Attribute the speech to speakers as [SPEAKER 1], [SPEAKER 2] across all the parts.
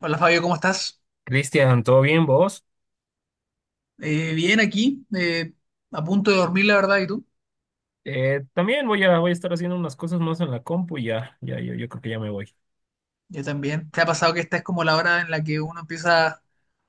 [SPEAKER 1] Hola Fabio, ¿cómo estás?
[SPEAKER 2] Cristian, ¿todo bien vos?
[SPEAKER 1] Bien aquí, a punto de dormir, la verdad, ¿y tú?
[SPEAKER 2] También voy a estar haciendo unas cosas más en la compu y yo creo que ya me voy.
[SPEAKER 1] Yo también. ¿Te ha pasado que esta es como la hora en la que uno empieza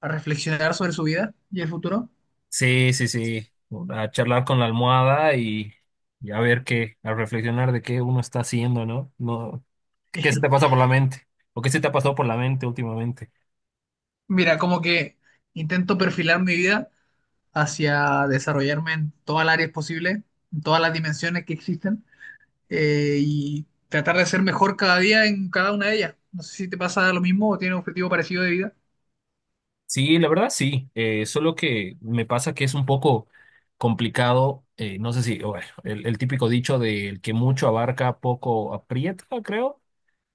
[SPEAKER 1] a reflexionar sobre su vida y el futuro?
[SPEAKER 2] Sí, sí, sí, a charlar con la almohada y a ver qué, a reflexionar de qué uno está haciendo, ¿no? No, ¿qué se te pasa por la mente? ¿O qué se te ha pasado por la mente últimamente?
[SPEAKER 1] Mira, como que intento perfilar mi vida hacia desarrollarme en todas las áreas posibles, en todas las dimensiones que existen, y tratar de ser mejor cada día en cada una de ellas. No sé si te pasa lo mismo o tienes un objetivo parecido de vida.
[SPEAKER 2] Sí, la verdad sí, solo que me pasa que es un poco complicado, no sé si, bueno, el típico dicho del que mucho abarca, poco aprieta, creo.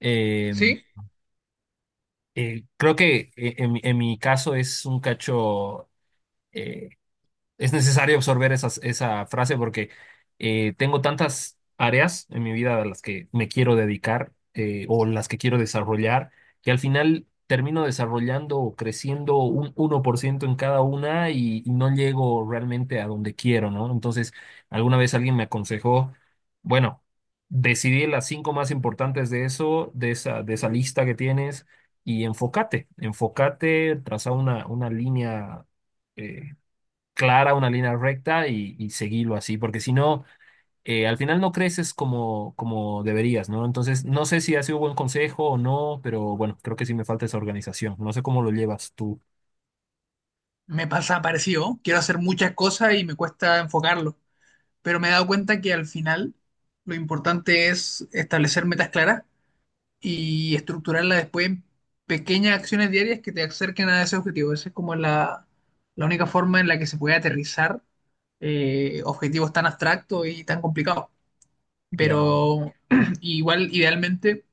[SPEAKER 2] eh,
[SPEAKER 1] Sí,
[SPEAKER 2] Creo que en mi caso es un cacho eh, es necesario absorber esa frase porque tengo tantas áreas en mi vida a las que me quiero dedicar, o las que quiero desarrollar, que al final termino desarrollando o creciendo un 1% en cada una y no llego realmente a donde quiero, ¿no? Entonces, alguna vez alguien me aconsejó, bueno, decidí las cinco más importantes de de esa lista que tienes. Y enfócate, traza una línea eh, clara, una línea recta y seguirlo así, porque si no, al final no creces como deberías, ¿no? Entonces, no sé si ha sido buen consejo o no, pero bueno, creo que sí me falta esa organización. No sé cómo lo llevas tú.
[SPEAKER 1] me pasa parecido. Quiero hacer muchas cosas y me cuesta enfocarlo. Pero me he dado cuenta que al final lo importante es establecer metas claras y estructurarlas después en pequeñas acciones diarias que te acerquen a ese objetivo. Esa es como la única forma en la que se puede aterrizar objetivos tan abstractos y tan complicados.
[SPEAKER 2] Ya,
[SPEAKER 1] Pero igual, idealmente,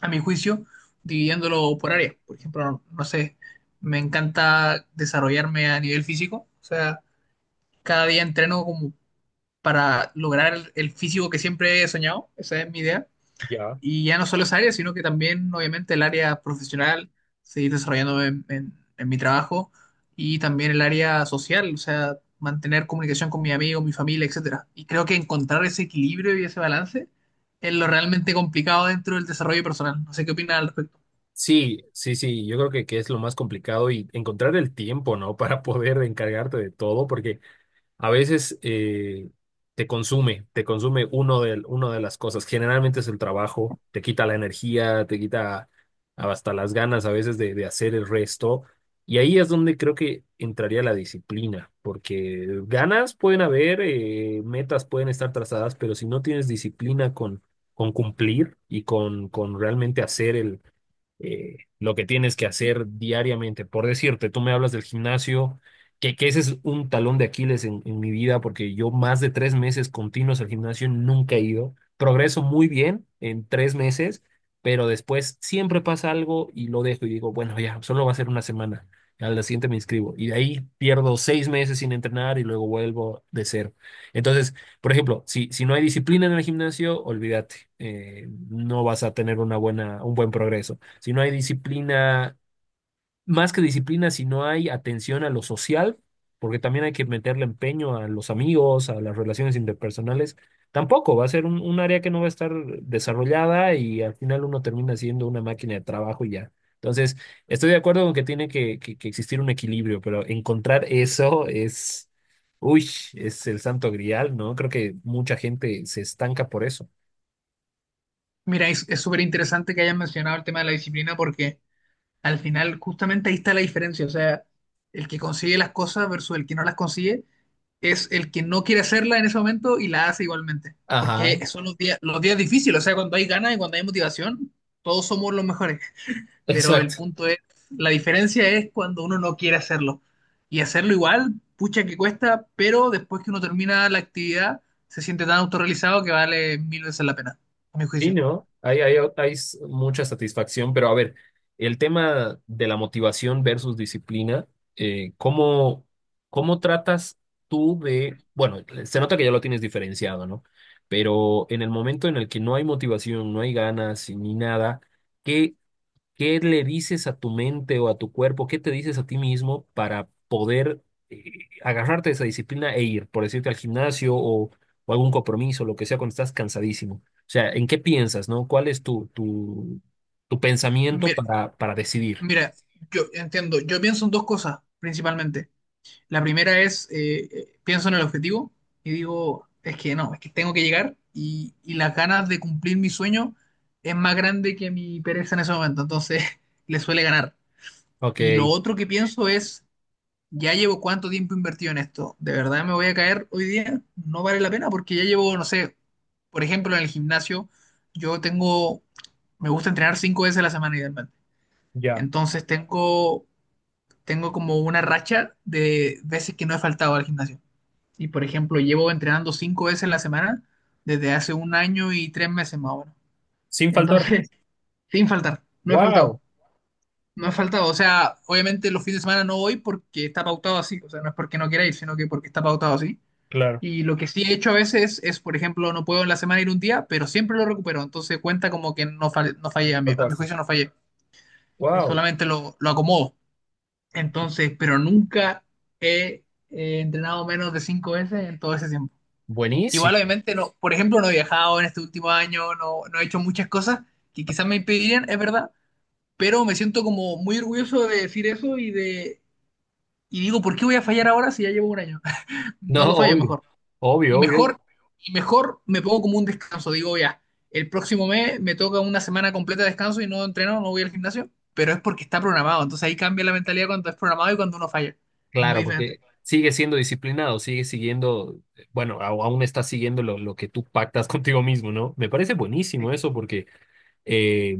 [SPEAKER 1] a mi juicio, dividiéndolo por áreas. Por ejemplo, no sé, me encanta desarrollarme a nivel físico, o sea, cada día entreno como para lograr el físico que siempre he soñado, esa es mi idea.
[SPEAKER 2] ya.
[SPEAKER 1] Y ya no solo esa área, sino que también, obviamente, el área profesional, seguir desarrollándome en mi trabajo y también el área social, o sea, mantener comunicación con mis amigos, mi familia, etcétera. Y creo que encontrar ese equilibrio y ese balance es lo realmente complicado dentro del desarrollo personal. No sé qué opinas al respecto.
[SPEAKER 2] Sí, sí, sí, yo creo que es lo más complicado y encontrar el tiempo, ¿no? Para poder encargarte de todo, porque a veces te consume uno de las cosas. Generalmente es el trabajo, te quita la energía, te quita hasta las ganas a veces de hacer el resto. Y ahí es donde creo que entraría la disciplina, porque ganas pueden haber, metas pueden estar trazadas, pero si no tienes disciplina con cumplir y con realmente hacer lo que tienes que hacer diariamente. Por decirte, tú me hablas del gimnasio, que ese es un talón de Aquiles en mi vida, porque yo más de tres meses continuos al gimnasio nunca he ido. Progreso muy bien en tres meses, pero después siempre pasa algo y lo dejo y digo, bueno, ya, solo va a ser una semana. Al día siguiente me inscribo y de ahí pierdo seis meses sin entrenar y luego vuelvo de cero. Entonces, por ejemplo, si no hay disciplina en el gimnasio, olvídate, no vas a tener un buen progreso si no hay disciplina, más que disciplina, si no hay atención a lo social, porque también hay que meterle empeño a los amigos, a las relaciones interpersonales, tampoco va a ser un área que no va a estar desarrollada y al final uno termina siendo una máquina de trabajo y ya. Entonces, estoy de acuerdo con que tiene que existir un equilibrio, pero encontrar eso es, uy, es el santo grial, ¿no? Creo que mucha gente se estanca por eso.
[SPEAKER 1] Mira, es súper interesante que hayas mencionado el tema de la disciplina porque al final, justamente ahí está la diferencia. O sea, el que consigue las cosas versus el que no las consigue es el que no quiere hacerla en ese momento y la hace igualmente.
[SPEAKER 2] Ajá,
[SPEAKER 1] Porque son los días difíciles. O sea, cuando hay ganas y cuando hay motivación, todos somos los mejores. Pero el
[SPEAKER 2] exacto.
[SPEAKER 1] punto es, la diferencia es cuando uno no quiere hacerlo. Y hacerlo igual, pucha que cuesta, pero después que uno termina la actividad, se siente tan autorrealizado que vale mil veces la pena, a mi
[SPEAKER 2] Sí,
[SPEAKER 1] juicio.
[SPEAKER 2] ¿no? Hay mucha satisfacción, pero a ver, el tema de la motivación versus disciplina, eh, ¿cómo, cómo tratas tú de, bueno, se nota que ya lo tienes diferenciado, ¿no? Pero en el momento en el que no hay motivación, no hay ganas y ni nada, ¿qué le dices a tu mente o a tu cuerpo? ¿Qué te dices a ti mismo para poder, eh, agarrarte de esa disciplina e ir, por decirte, al gimnasio o algún compromiso, lo que sea, cuando estás cansadísimo? O sea, ¿en qué piensas, no? ¿Cuál es tu pensamiento
[SPEAKER 1] Mira,
[SPEAKER 2] para decidir?
[SPEAKER 1] mira, yo entiendo, yo pienso en dos cosas principalmente. La primera es, pienso en el objetivo y digo, es que no, es que tengo que llegar y las ganas de cumplir mi sueño es más grande que mi pereza en ese momento, entonces le suele ganar.
[SPEAKER 2] Ok,
[SPEAKER 1] Y lo otro que pienso es, ya llevo cuánto tiempo invertido en esto, ¿de verdad me voy a caer hoy día? No vale la pena porque ya llevo, no sé, por ejemplo, en el gimnasio, yo tengo, me gusta entrenar cinco veces a la semana idealmente.
[SPEAKER 2] ya.
[SPEAKER 1] Entonces tengo como una racha de veces que no he faltado al gimnasio. Y por ejemplo, llevo entrenando cinco veces a la semana desde hace un año y 3 meses más o menos.
[SPEAKER 2] Sin faltar.
[SPEAKER 1] Entonces, sin faltar, no he faltado,
[SPEAKER 2] Wow,
[SPEAKER 1] no he faltado. O sea, obviamente los fines de semana no voy porque está pautado así. O sea, no es porque no quiera ir, sino que porque está pautado así.
[SPEAKER 2] claro,
[SPEAKER 1] Y lo que sí he hecho a veces es, por ejemplo, no puedo en la semana ir un día, pero siempre lo recupero. Entonces cuenta como que no, no fallé, a mi
[SPEAKER 2] faltaste.
[SPEAKER 1] juicio no fallé.
[SPEAKER 2] Wow,
[SPEAKER 1] Solamente lo acomodo. Entonces, pero nunca he entrenado menos de cinco veces en todo ese tiempo. Igual,
[SPEAKER 2] buenísimo.
[SPEAKER 1] obviamente, no, por ejemplo, no he viajado en este último año, no, no he hecho muchas cosas que quizás me impedirían, es verdad, pero me siento como muy orgulloso de decir eso y de, y digo, ¿por qué voy a fallar ahora si ya llevo un año?
[SPEAKER 2] No,
[SPEAKER 1] No lo fallo
[SPEAKER 2] obvio,
[SPEAKER 1] mejor. Y
[SPEAKER 2] obvio, obvio.
[SPEAKER 1] mejor, y mejor me pongo como un descanso, digo, ya, el próximo mes me toca una semana completa de descanso y no entreno, no voy al gimnasio, pero es porque está programado, entonces ahí cambia la mentalidad cuando es programado y cuando uno falla. Es muy
[SPEAKER 2] Claro,
[SPEAKER 1] diferente.
[SPEAKER 2] porque sigue siendo disciplinado, sigue siguiendo, bueno, aún está siguiendo lo que tú pactas contigo mismo, ¿no? Me parece buenísimo eso porque, eh,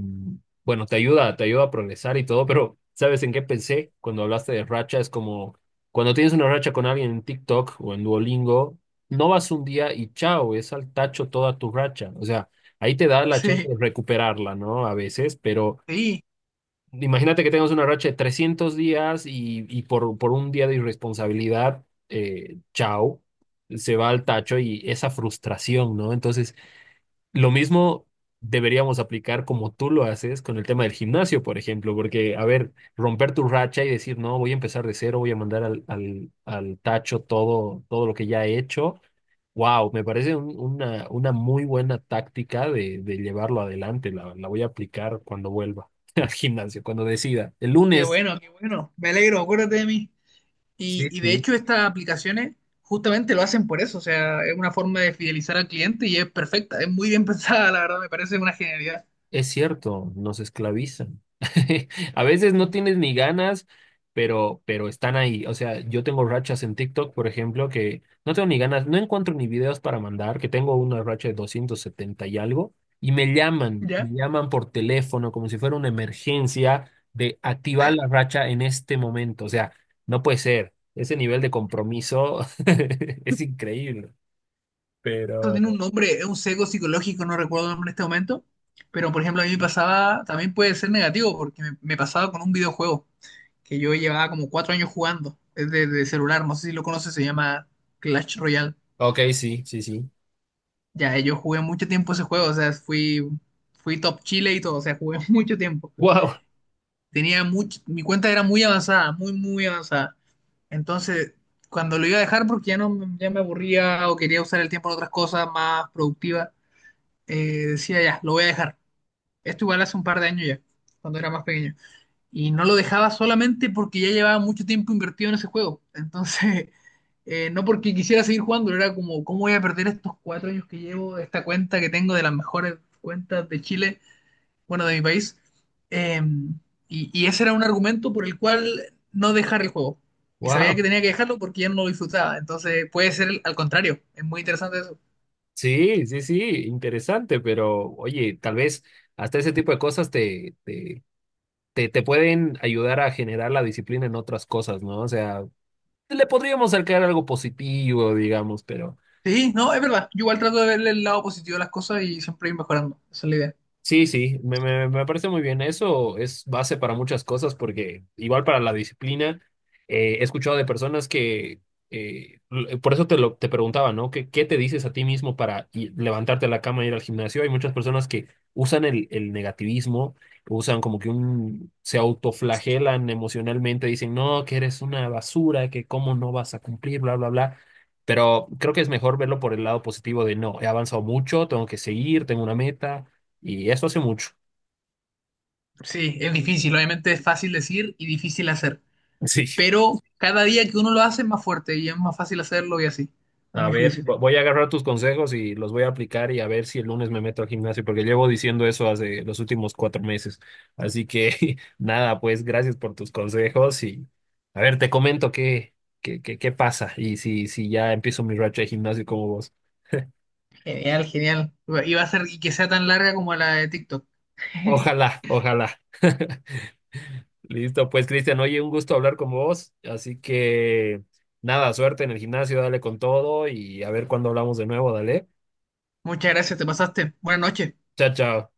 [SPEAKER 2] bueno, te ayuda a progresar y todo, pero ¿sabes en qué pensé cuando hablaste de racha? Es como cuando tienes una racha con alguien en TikTok o en Duolingo, no vas un día y chao, es al tacho toda tu racha. O sea, ahí te da la chance
[SPEAKER 1] Sí,
[SPEAKER 2] de recuperarla, ¿no? A veces, pero...
[SPEAKER 1] sí,
[SPEAKER 2] Imagínate que tengas una racha de 300 días y por un día de irresponsabilidad, chao, se va al tacho y esa frustración, ¿no? Entonces, lo mismo deberíamos aplicar como tú lo haces con el tema del gimnasio, por ejemplo, porque, a ver, romper tu racha y decir, no, voy a empezar de cero, voy a mandar al al tacho todo, todo lo que ya he hecho. Wow, me parece una muy buena táctica de llevarlo adelante. La voy a aplicar cuando vuelva al gimnasio, cuando decida. El
[SPEAKER 1] qué
[SPEAKER 2] lunes.
[SPEAKER 1] bueno, qué bueno. Me alegro, acuérdate de mí.
[SPEAKER 2] Sí,
[SPEAKER 1] Y de
[SPEAKER 2] sí.
[SPEAKER 1] hecho estas aplicaciones justamente lo hacen por eso, o sea, es una forma de fidelizar al cliente y es perfecta, es muy bien pensada, la verdad, me parece una genialidad.
[SPEAKER 2] Es cierto, nos esclavizan. A veces no tienes ni ganas, pero están ahí. O sea, yo tengo rachas en TikTok, por ejemplo, que no tengo ni ganas, no encuentro ni videos para mandar, que tengo una racha de 270 y algo, y
[SPEAKER 1] ¿Ya?
[SPEAKER 2] me llaman por teléfono como si fuera una emergencia de activar la racha en este momento. O sea, no puede ser. Ese nivel de compromiso es increíble.
[SPEAKER 1] Esto
[SPEAKER 2] Pero,
[SPEAKER 1] tiene un nombre, es un sesgo psicológico, no recuerdo el nombre en este momento, pero por ejemplo a mí me pasaba, también puede ser negativo, porque me pasaba con un videojuego que yo llevaba como 4 años jugando, es de celular, no sé si lo conoces, se llama Clash Royale.
[SPEAKER 2] ok, sí, sí, sí.
[SPEAKER 1] Ya, yo jugué mucho tiempo ese juego, o sea, fui top Chile y todo, o sea, jugué mucho tiempo.
[SPEAKER 2] Wow,
[SPEAKER 1] Tenía mucho, mi cuenta era muy avanzada, muy, muy avanzada. Entonces, cuando lo iba a dejar porque ya no me- ya me aburría o quería usar el tiempo en otras cosas más productivas, decía ya, lo voy a dejar. Esto igual hace un par de años ya, cuando era más pequeño. Y no lo dejaba solamente porque ya llevaba mucho tiempo invertido en ese juego. Entonces, no porque quisiera seguir jugando, era como, ¿cómo voy a perder estos 4 años que llevo, esta cuenta que tengo de las mejores cuentas de Chile? Bueno, de mi país. Eh, y ese era un argumento por el cual no dejar el juego. Y sabía que
[SPEAKER 2] wow.
[SPEAKER 1] tenía que dejarlo porque ya no lo disfrutaba. Entonces puede ser al contrario. Es muy interesante eso.
[SPEAKER 2] Sí, sí, sí, interesante, pero oye, tal vez hasta ese tipo de cosas te pueden ayudar a generar la disciplina en otras cosas, ¿no? O sea, le podríamos sacar algo positivo, digamos, pero...
[SPEAKER 1] Sí, no, es verdad. Yo igual trato de verle el lado positivo a las cosas y siempre ir mejorando. Esa es la idea.
[SPEAKER 2] Sí, sí, me parece muy bien. Eso es base para muchas cosas porque igual para la disciplina, he escuchado de personas que, por eso te preguntaba, ¿no? ¿Qué, qué te dices a ti mismo para levantarte de la cama y ir al gimnasio? Hay muchas personas que usan el negativismo, usan como que un, se autoflagelan emocionalmente, dicen, no, que eres una basura, que cómo no vas a cumplir, bla, bla, bla. Pero creo que es mejor verlo por el lado positivo de, no, he avanzado mucho, tengo que seguir, tengo una meta y eso hace mucho.
[SPEAKER 1] Sí, es difícil. Obviamente es fácil decir y difícil hacer.
[SPEAKER 2] Sí.
[SPEAKER 1] Pero cada día que uno lo hace es más fuerte y es más fácil hacerlo y así, a
[SPEAKER 2] A
[SPEAKER 1] mi
[SPEAKER 2] ver,
[SPEAKER 1] juicio.
[SPEAKER 2] voy a agarrar tus consejos y los voy a aplicar y a ver si el lunes me meto al gimnasio, porque llevo diciendo eso hace los últimos 4 meses. Así que nada, pues gracias por tus consejos y a ver, te comento qué pasa y si ya empiezo mi racha de gimnasio como vos.
[SPEAKER 1] Genial, genial. Y va a ser y que sea tan larga como la de TikTok.
[SPEAKER 2] Ojalá, ojalá. Listo, pues Cristian, oye, un gusto hablar con vos. Así que nada, suerte en el gimnasio, dale con todo y a ver cuándo hablamos de nuevo, dale.
[SPEAKER 1] Muchas gracias, te pasaste. Buenas noches.
[SPEAKER 2] Chao, chao.